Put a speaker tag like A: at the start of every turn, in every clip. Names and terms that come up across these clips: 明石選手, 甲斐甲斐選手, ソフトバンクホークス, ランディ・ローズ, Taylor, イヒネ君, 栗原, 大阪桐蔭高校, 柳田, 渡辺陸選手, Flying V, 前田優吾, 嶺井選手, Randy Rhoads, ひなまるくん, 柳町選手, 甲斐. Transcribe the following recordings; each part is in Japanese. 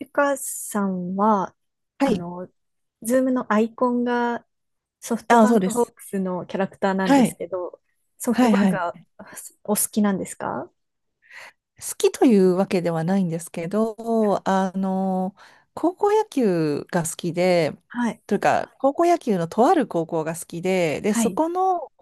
A: ゆかさんは、
B: は
A: あ
B: い。
A: の、ズームのアイコンがソフト
B: あ、
A: バ
B: そ
A: ン
B: うで
A: クホー
B: す。
A: クスのキャラクターなんで
B: は
A: す
B: い。
A: けど、ソフ
B: は
A: ト
B: い、
A: バン
B: は
A: ク
B: い。
A: はお好きなんですか？
B: 好きというわけではないんですけど、高校野球が好きで、
A: はい。
B: というか、高校野球のとある高校が好きで、で、
A: は
B: そ
A: い。
B: この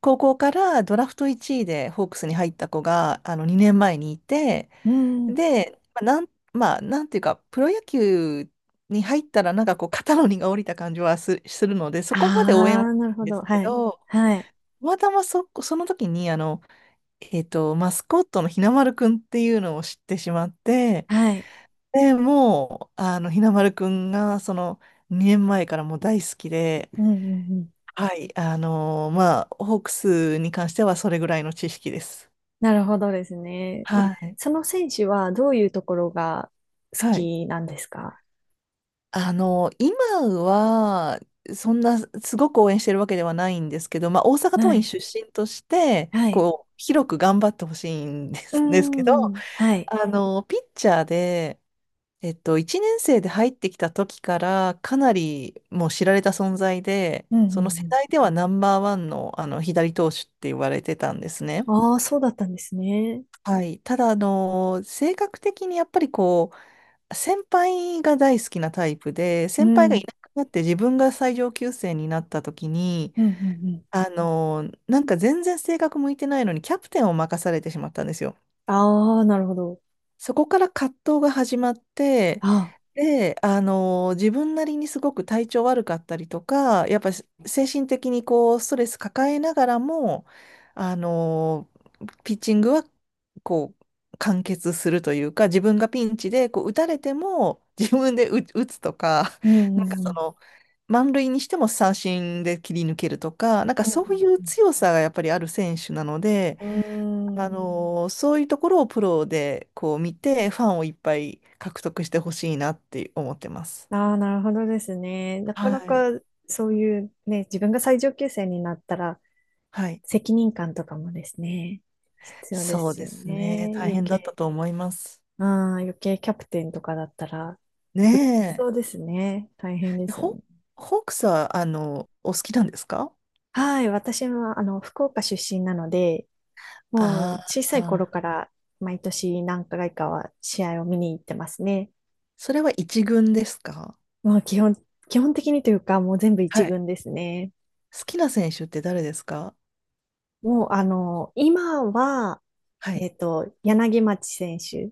B: 高校からドラフト1位でホークスに入った子が、2年前にいて、
A: うん。
B: で、まあ、なんていうか、プロ野球に入ったら、なんかこう、肩の荷が下りた感じはするので、そこまで応援はし
A: ああ、なるほ
B: ないんで
A: ど。
B: すけ
A: はい。
B: ど、
A: はい。
B: たまたまその時に、マスコットのひなまるくんっていうのを知ってしまって、
A: はい。
B: で、もう、ひなまるくんが、その、2年前からもう大好きで、
A: うんうんうん。
B: はい、まあ、ホークスに関してはそれぐらいの知識です。
A: なるほどですね。え、
B: はい。
A: その選手はどういうところが好
B: はい。
A: きなんですか？
B: 今は、そんな、すごく応援してるわけではないんですけど、まあ、大阪
A: は
B: 桐
A: い。
B: 蔭出身として、
A: はい。
B: こう、広く頑張ってほしいんで
A: う
B: す、ですけど、
A: ん。はい。
B: ピッチャーで、1年生で入ってきた時からかなりもう知られた存在で、
A: うん
B: そ
A: う
B: の世
A: ん
B: 代ではナンバーワンの、左投手って言われてたんですね。
A: うん。ああ、そうだったんですね。
B: はい。ただ、性格的にやっぱりこう、先輩が大好きなタイプで、
A: う
B: 先輩がい
A: ん。
B: なくなって自分が最上級生になった時に、
A: うんうんうん。
B: なんか全然性格向いてないのにキャプテンを任されてしまったんですよ。
A: ああ、なるほど。
B: そこから葛藤が始まって、
A: ああ、
B: で、自分なりにすごく体調悪かったりとか、やっぱり精神的にこう、ストレス抱えながらも、あのピッチングは、こう、完結するというか、自分がピンチで、こう、打たれても、自分で打つとか、
A: う ん
B: な
A: う
B: んか
A: んう
B: そ
A: ん。
B: の、満塁にしても三振で切り抜けるとか、なんか
A: う
B: そういう
A: ん
B: 強さがやっぱりある選手なので、
A: うんうん。うーん。
B: そういうところをプロでこう見て、ファンをいっぱい獲得してほしいなって思ってます。
A: ああ、なるほどですね。なか
B: は
A: なか
B: い。
A: そういうね、自分が最上級生になったら
B: はい。
A: 責任感とかもですね、必要で
B: そう
A: す
B: で
A: よ
B: すね。
A: ね。
B: 大変だったと思います。
A: うん、余計キャプテンとかだったら、より
B: ね
A: そうですね。大変で
B: え。
A: すよね。
B: ホークスは、お好きなんですか？
A: はい、私は福岡出身なので、も
B: あ
A: う小さ
B: あ
A: い頃
B: ー、
A: から毎年何回かは試合を見に行ってますね。
B: それは一軍ですか？
A: まあ、基本的にというか、もう全部
B: は
A: 一
B: い。
A: 軍ですね。
B: 好きな選手って誰ですか？
A: もう、今は、
B: はい。
A: 柳町選手。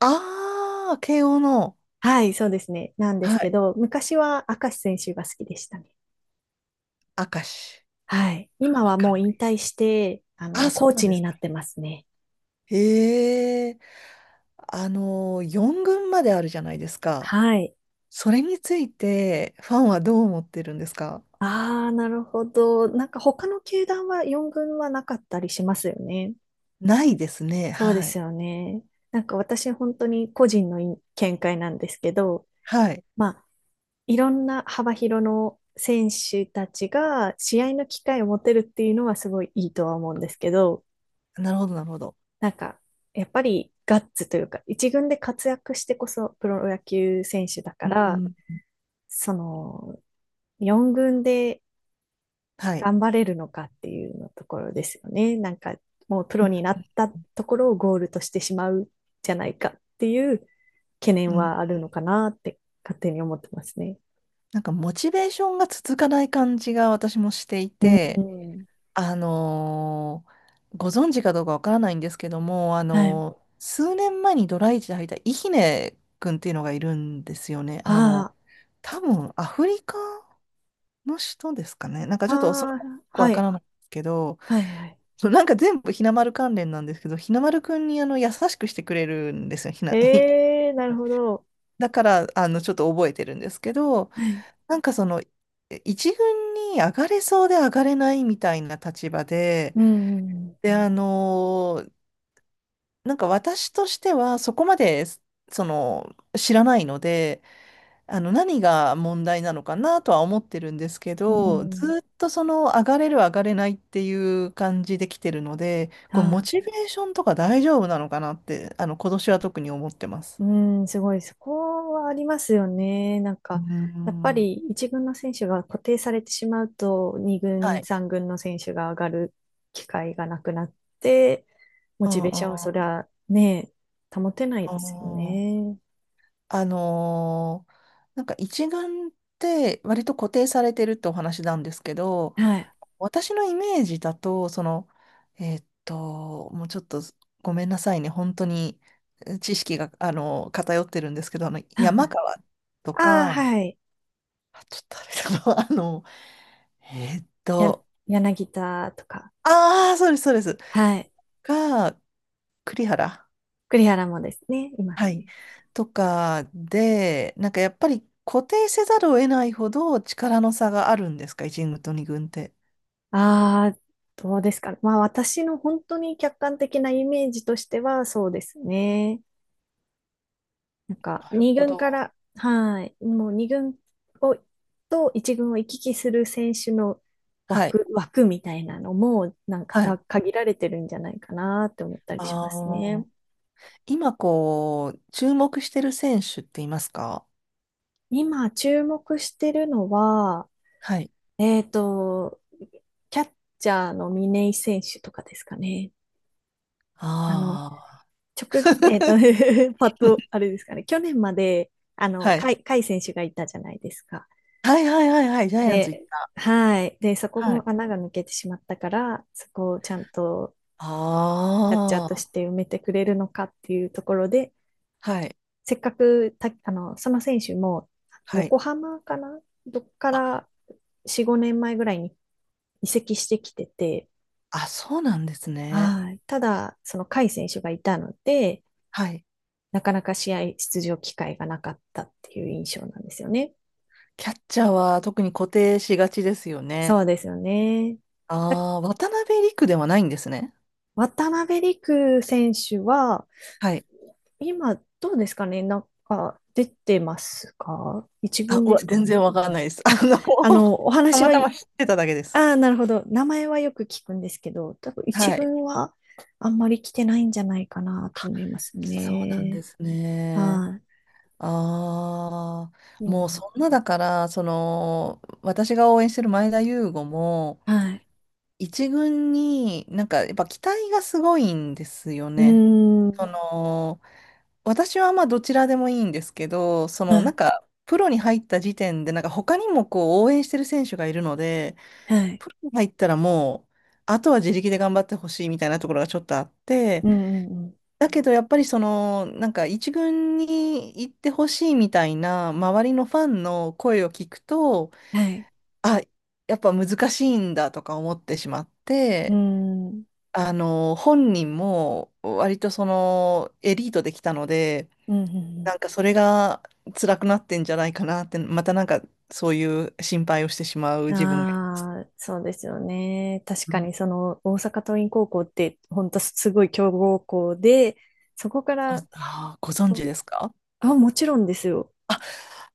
B: ああ、慶応の、
A: はい、そうですね。なんです
B: は
A: け
B: い。
A: ど、昔は明石選手が好きでしたね。
B: 明石。
A: はい。今
B: あわ
A: は
B: か
A: も
B: ん
A: う
B: な
A: 引
B: い。
A: 退して、
B: あ、そ
A: コ
B: う
A: ー
B: なん
A: チ
B: で
A: に
B: す
A: な
B: か。
A: ってますね。
B: へえ。4軍まであるじゃないですか。
A: はい。
B: それについて、ファンはどう思ってるんですか？
A: ああ、なるほど。なんか他の球団は4軍はなかったりしますよね。
B: ないですね。
A: そうで
B: は
A: す
B: い。
A: よね。なんか私本当に個人の見解なんですけど、
B: はい。
A: まあいろんな幅広の選手たちが試合の機会を持てるっていうのはすごいいいとは思うんですけど、
B: なるほど、なるほど。
A: なんかやっぱりガッツというか、一軍で活躍してこそプロ野球選手だか
B: う
A: ら、
B: ん。
A: その4軍で
B: はい。
A: 頑張れるのかっていうのところですよね。なんかもうプ
B: う
A: ロ
B: ん。
A: になったところをゴールとしてしまうじゃないかっていう懸
B: う
A: 念
B: ん。
A: はあるのかなって勝手に思ってますね。
B: なんか、モチベーションが続かない感じが私もしてい
A: う
B: て、
A: ん。
B: あのーご存知かどうかわからないんですけども、
A: はい。
B: 数年前にドライチで履いたイヒネ君っていうのがいるんですよね。
A: ああ。
B: 多分、アフリカの人ですかね。なんか、ちょっと、それは
A: あ
B: よ
A: あ、
B: くわ
A: は
B: か
A: い。
B: らないんですけど、
A: はい、はい。
B: そうなんか全部ひなまる関連なんですけど、ひなまるくんに優しくしてくれるんですよ、ひな、
A: ええ、なるほど。
B: だから、ちょっと覚えてるんですけど、
A: はい。
B: なんかその、一軍に上がれそうで上がれないみたいな立場で、
A: うん、うん
B: で、なんか私としてはそこまで、その、知らないので、何が問題なのかなとは思ってるんですけ
A: う
B: ど、
A: ん、うん。
B: ずっとその、上がれる上がれないっていう感じで来てるので、こう、モ
A: あ
B: チベーションとか大丈夫なのかなって、今年は特に思ってます。
A: ー、あうん、すごい。そこはありますよね。なん
B: うー
A: か、やっぱり
B: ん。
A: 一軍の選手が固定されてしまうと、二
B: は
A: 軍、
B: い。
A: 三軍の選手が上がる機会がなくなって、モ
B: う
A: チ
B: んう
A: ベーションはそり
B: ん。
A: ゃね、保てない
B: あ
A: ですよ
B: ー。
A: ね。
B: あのーなんか一眼って割と固定されてるってお話なんですけど、
A: はい。
B: 私のイメージだと、その、もうちょっとごめんなさいね、本当に知識が、偏ってるんですけど、山川と
A: ああー、
B: か、
A: はい。
B: あ、ちょっとあれだな、えーっ
A: や、
B: と、
A: 柳田とか、
B: ああ、そうです、そうです。
A: はい。
B: が、栗原。
A: 栗原もですね、います
B: はい。
A: ね。
B: とかで、なんかやっぱり固定せざるを得ないほど力の差があるんですか、1軍と2軍って？
A: ああ、どうですかね。まあ私の本当に客観的なイメージとしてはそうですね。なんか
B: なるほ
A: 2軍か
B: ど。
A: ら、はい、もう2軍をと1軍を行き来する選手の
B: はい。
A: 枠みたいなのもなんか
B: は
A: が
B: い。
A: 限られてるんじゃないかなって思ったりします
B: あ
A: ね。
B: あ。今こう、注目してる選手っていますか？
A: 今注目してるのは、
B: はい。
A: えっと、キャッチャーの嶺井選手とかですかね。あの、
B: ああ。
A: 直、えっと、パッと、あれですかね、去年まで、
B: はい。
A: 甲斐選手がいたじゃないですか。
B: はいはいはいはい。ジャイアンツ行っ
A: で、
B: た。
A: はい。で、そこ
B: は
A: も
B: い。
A: 穴が抜けてしまったから、そこをちゃんとキャッチャー
B: あ
A: とし
B: あ。
A: て埋めてくれるのかっていうところで、
B: はい。
A: せっかくた、その選手も、
B: はい。
A: 横浜かなどっか
B: あ、
A: ら4、5年前ぐらいに移籍してきてて、
B: あ、そうなんですね。
A: はい。ただ、その甲斐選手がいたので、
B: はい。
A: なかなか試合出場機会がなかったっていう印象なんですよね。
B: キャッチャーは特に固定しがちですよね。
A: そうですよね。だ
B: ああ、渡辺陸ではないんですね。
A: 渡辺陸選手は、
B: はい。
A: 今、どうですかね、なんか出てますか、一
B: あ、
A: 軍
B: う
A: で
B: わ、
A: すか
B: 全
A: ね。
B: 然わかんないです。
A: あ、お
B: た
A: 話
B: ま
A: は、
B: たま知ってただけです。
A: なるほど。名前はよく聞くんですけど、多分一
B: はい。
A: 軍はあんまり来てないんじゃないかなと思います
B: そうなんで
A: ね。
B: すね。
A: は
B: ああ、
A: い、
B: もう
A: 今、
B: そんなだから、その、私が応援してる前田優吾も、
A: はい。
B: 一軍になんかやっぱ期待がすごいんですよ
A: うー
B: ね。
A: ん、
B: その、私はまあどちらでもいいんですけど、そ
A: は
B: のなん
A: い、
B: か、プロに入った時点で、なんか他にもこう応援してる選手がいるので、
A: はい、
B: プロに入ったらもう、あとは自力で頑張ってほしいみたいなところがちょっとあって、
A: うん、うん、うん、
B: だけどやっぱりその、なんか一軍に行ってほしいみたいな周りのファンの声を聞くと、
A: はい、
B: あ、やっぱ難しいんだとか思ってしまっ
A: うー
B: て、
A: ん、うん、
B: 本人も割とそのエリートできたので、
A: うん、う
B: な
A: ん、
B: んかそれが辛くなってんじゃないかなって、またなんかそういう心配をしてしまう自分がいます。
A: ああ、そうですよね。確
B: う
A: か
B: ん。
A: にその大阪桐蔭高校って本当すごい強豪校で、そこから、
B: あー、ご存知
A: お
B: ですか？
A: もちろんですよ。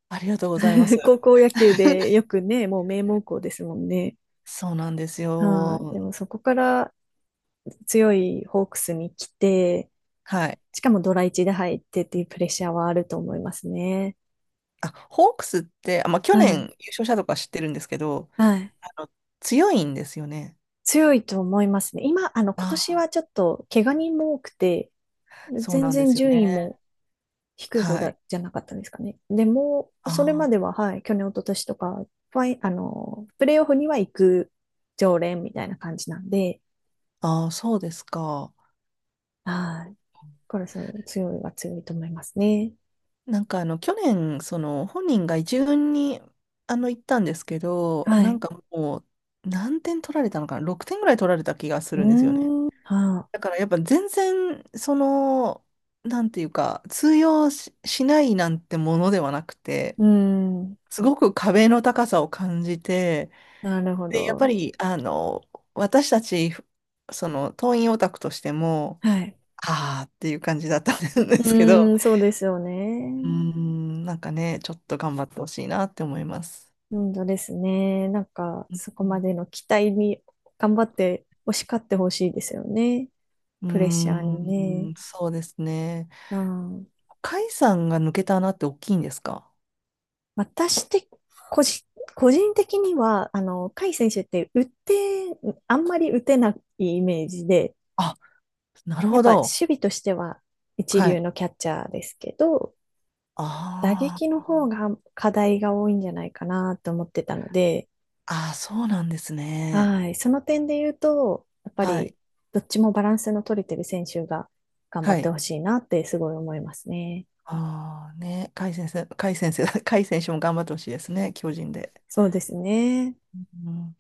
B: ありがとうございます。
A: 高校野球でよ くね、もう名門校ですもんね。
B: そうなんです
A: はい。で
B: よ。
A: もそこから強いホークスに来て、
B: はい。
A: しかもドラ1で入ってっていうプレッシャーはあると思いますね。
B: あ、ホークスって、あ、まあ、去
A: う
B: 年
A: ん。
B: 優勝したとか知ってるんですけど、
A: はい。
B: あの、強いんですよね。
A: 強いと思いますね。今、
B: あ
A: 今年
B: あ、
A: はちょっと怪我人も多くて、
B: そう
A: 全
B: なんで
A: 然
B: すよ
A: 順位
B: ね。
A: も低い方
B: は
A: だ、
B: い。
A: じゃなかったですかね。でも、
B: あ
A: それま
B: ー。
A: では、はい、去年、一昨年とか、ファイ、プレイオフには行く常連みたいな感じなんで、
B: あー、あそうですか。
A: はい。これそう、強いは強いと思いますね。
B: なんかあの、去年、その、本人が一軍に、行ったんですけど、
A: は
B: なん
A: い。
B: かもう、何点取られたのかな？ 6 点ぐらい取られた気がす
A: うー
B: るんですよね。
A: ん、はあ、
B: だからやっぱ全然、その、なんていうか、通用しないなんてものではなくて、
A: うーん、
B: すごく壁の高さを感じて、
A: なるほ
B: で、やっぱ
A: ど。
B: り、私たち、その、党員オタクとしても、
A: はい。
B: ああっていう感じだったんで
A: う
B: すけ
A: ー
B: ど、
A: ん、そうですよ
B: うー
A: ね。
B: ん、なんかね、ちょっと頑張ってほしいなって思います。
A: うんとですね。なんか、
B: う
A: そこま
B: ん、
A: での期待に頑張って、押し勝ってほしいですよね。プレッシャー
B: う
A: にね。
B: ーんそうですね。
A: うん。
B: 甲斐さんが抜けた穴って大きいんですか？
A: 私的、個人、個人的には、甲斐選手って打って、あんまり打てないイメージで、
B: あ、なる
A: やっ
B: ほ
A: ぱ守
B: ど。
A: 備としては一
B: は
A: 流
B: い。
A: のキャッチャーですけど、打撃
B: あ
A: の方が課題が多いんじゃないかなと思ってたので、
B: あ、ああ、そうなんですね。
A: はい、その点で言うと、やっぱ
B: は
A: り
B: い。
A: どっちもバランスの取れてる選手が頑張
B: は
A: っ
B: い。
A: てほしいなってすごい思いますね。
B: ああ、ね、甲斐先生、甲斐先生、甲斐選手も頑張ってほしいですね、巨人で。
A: そうですね。
B: うん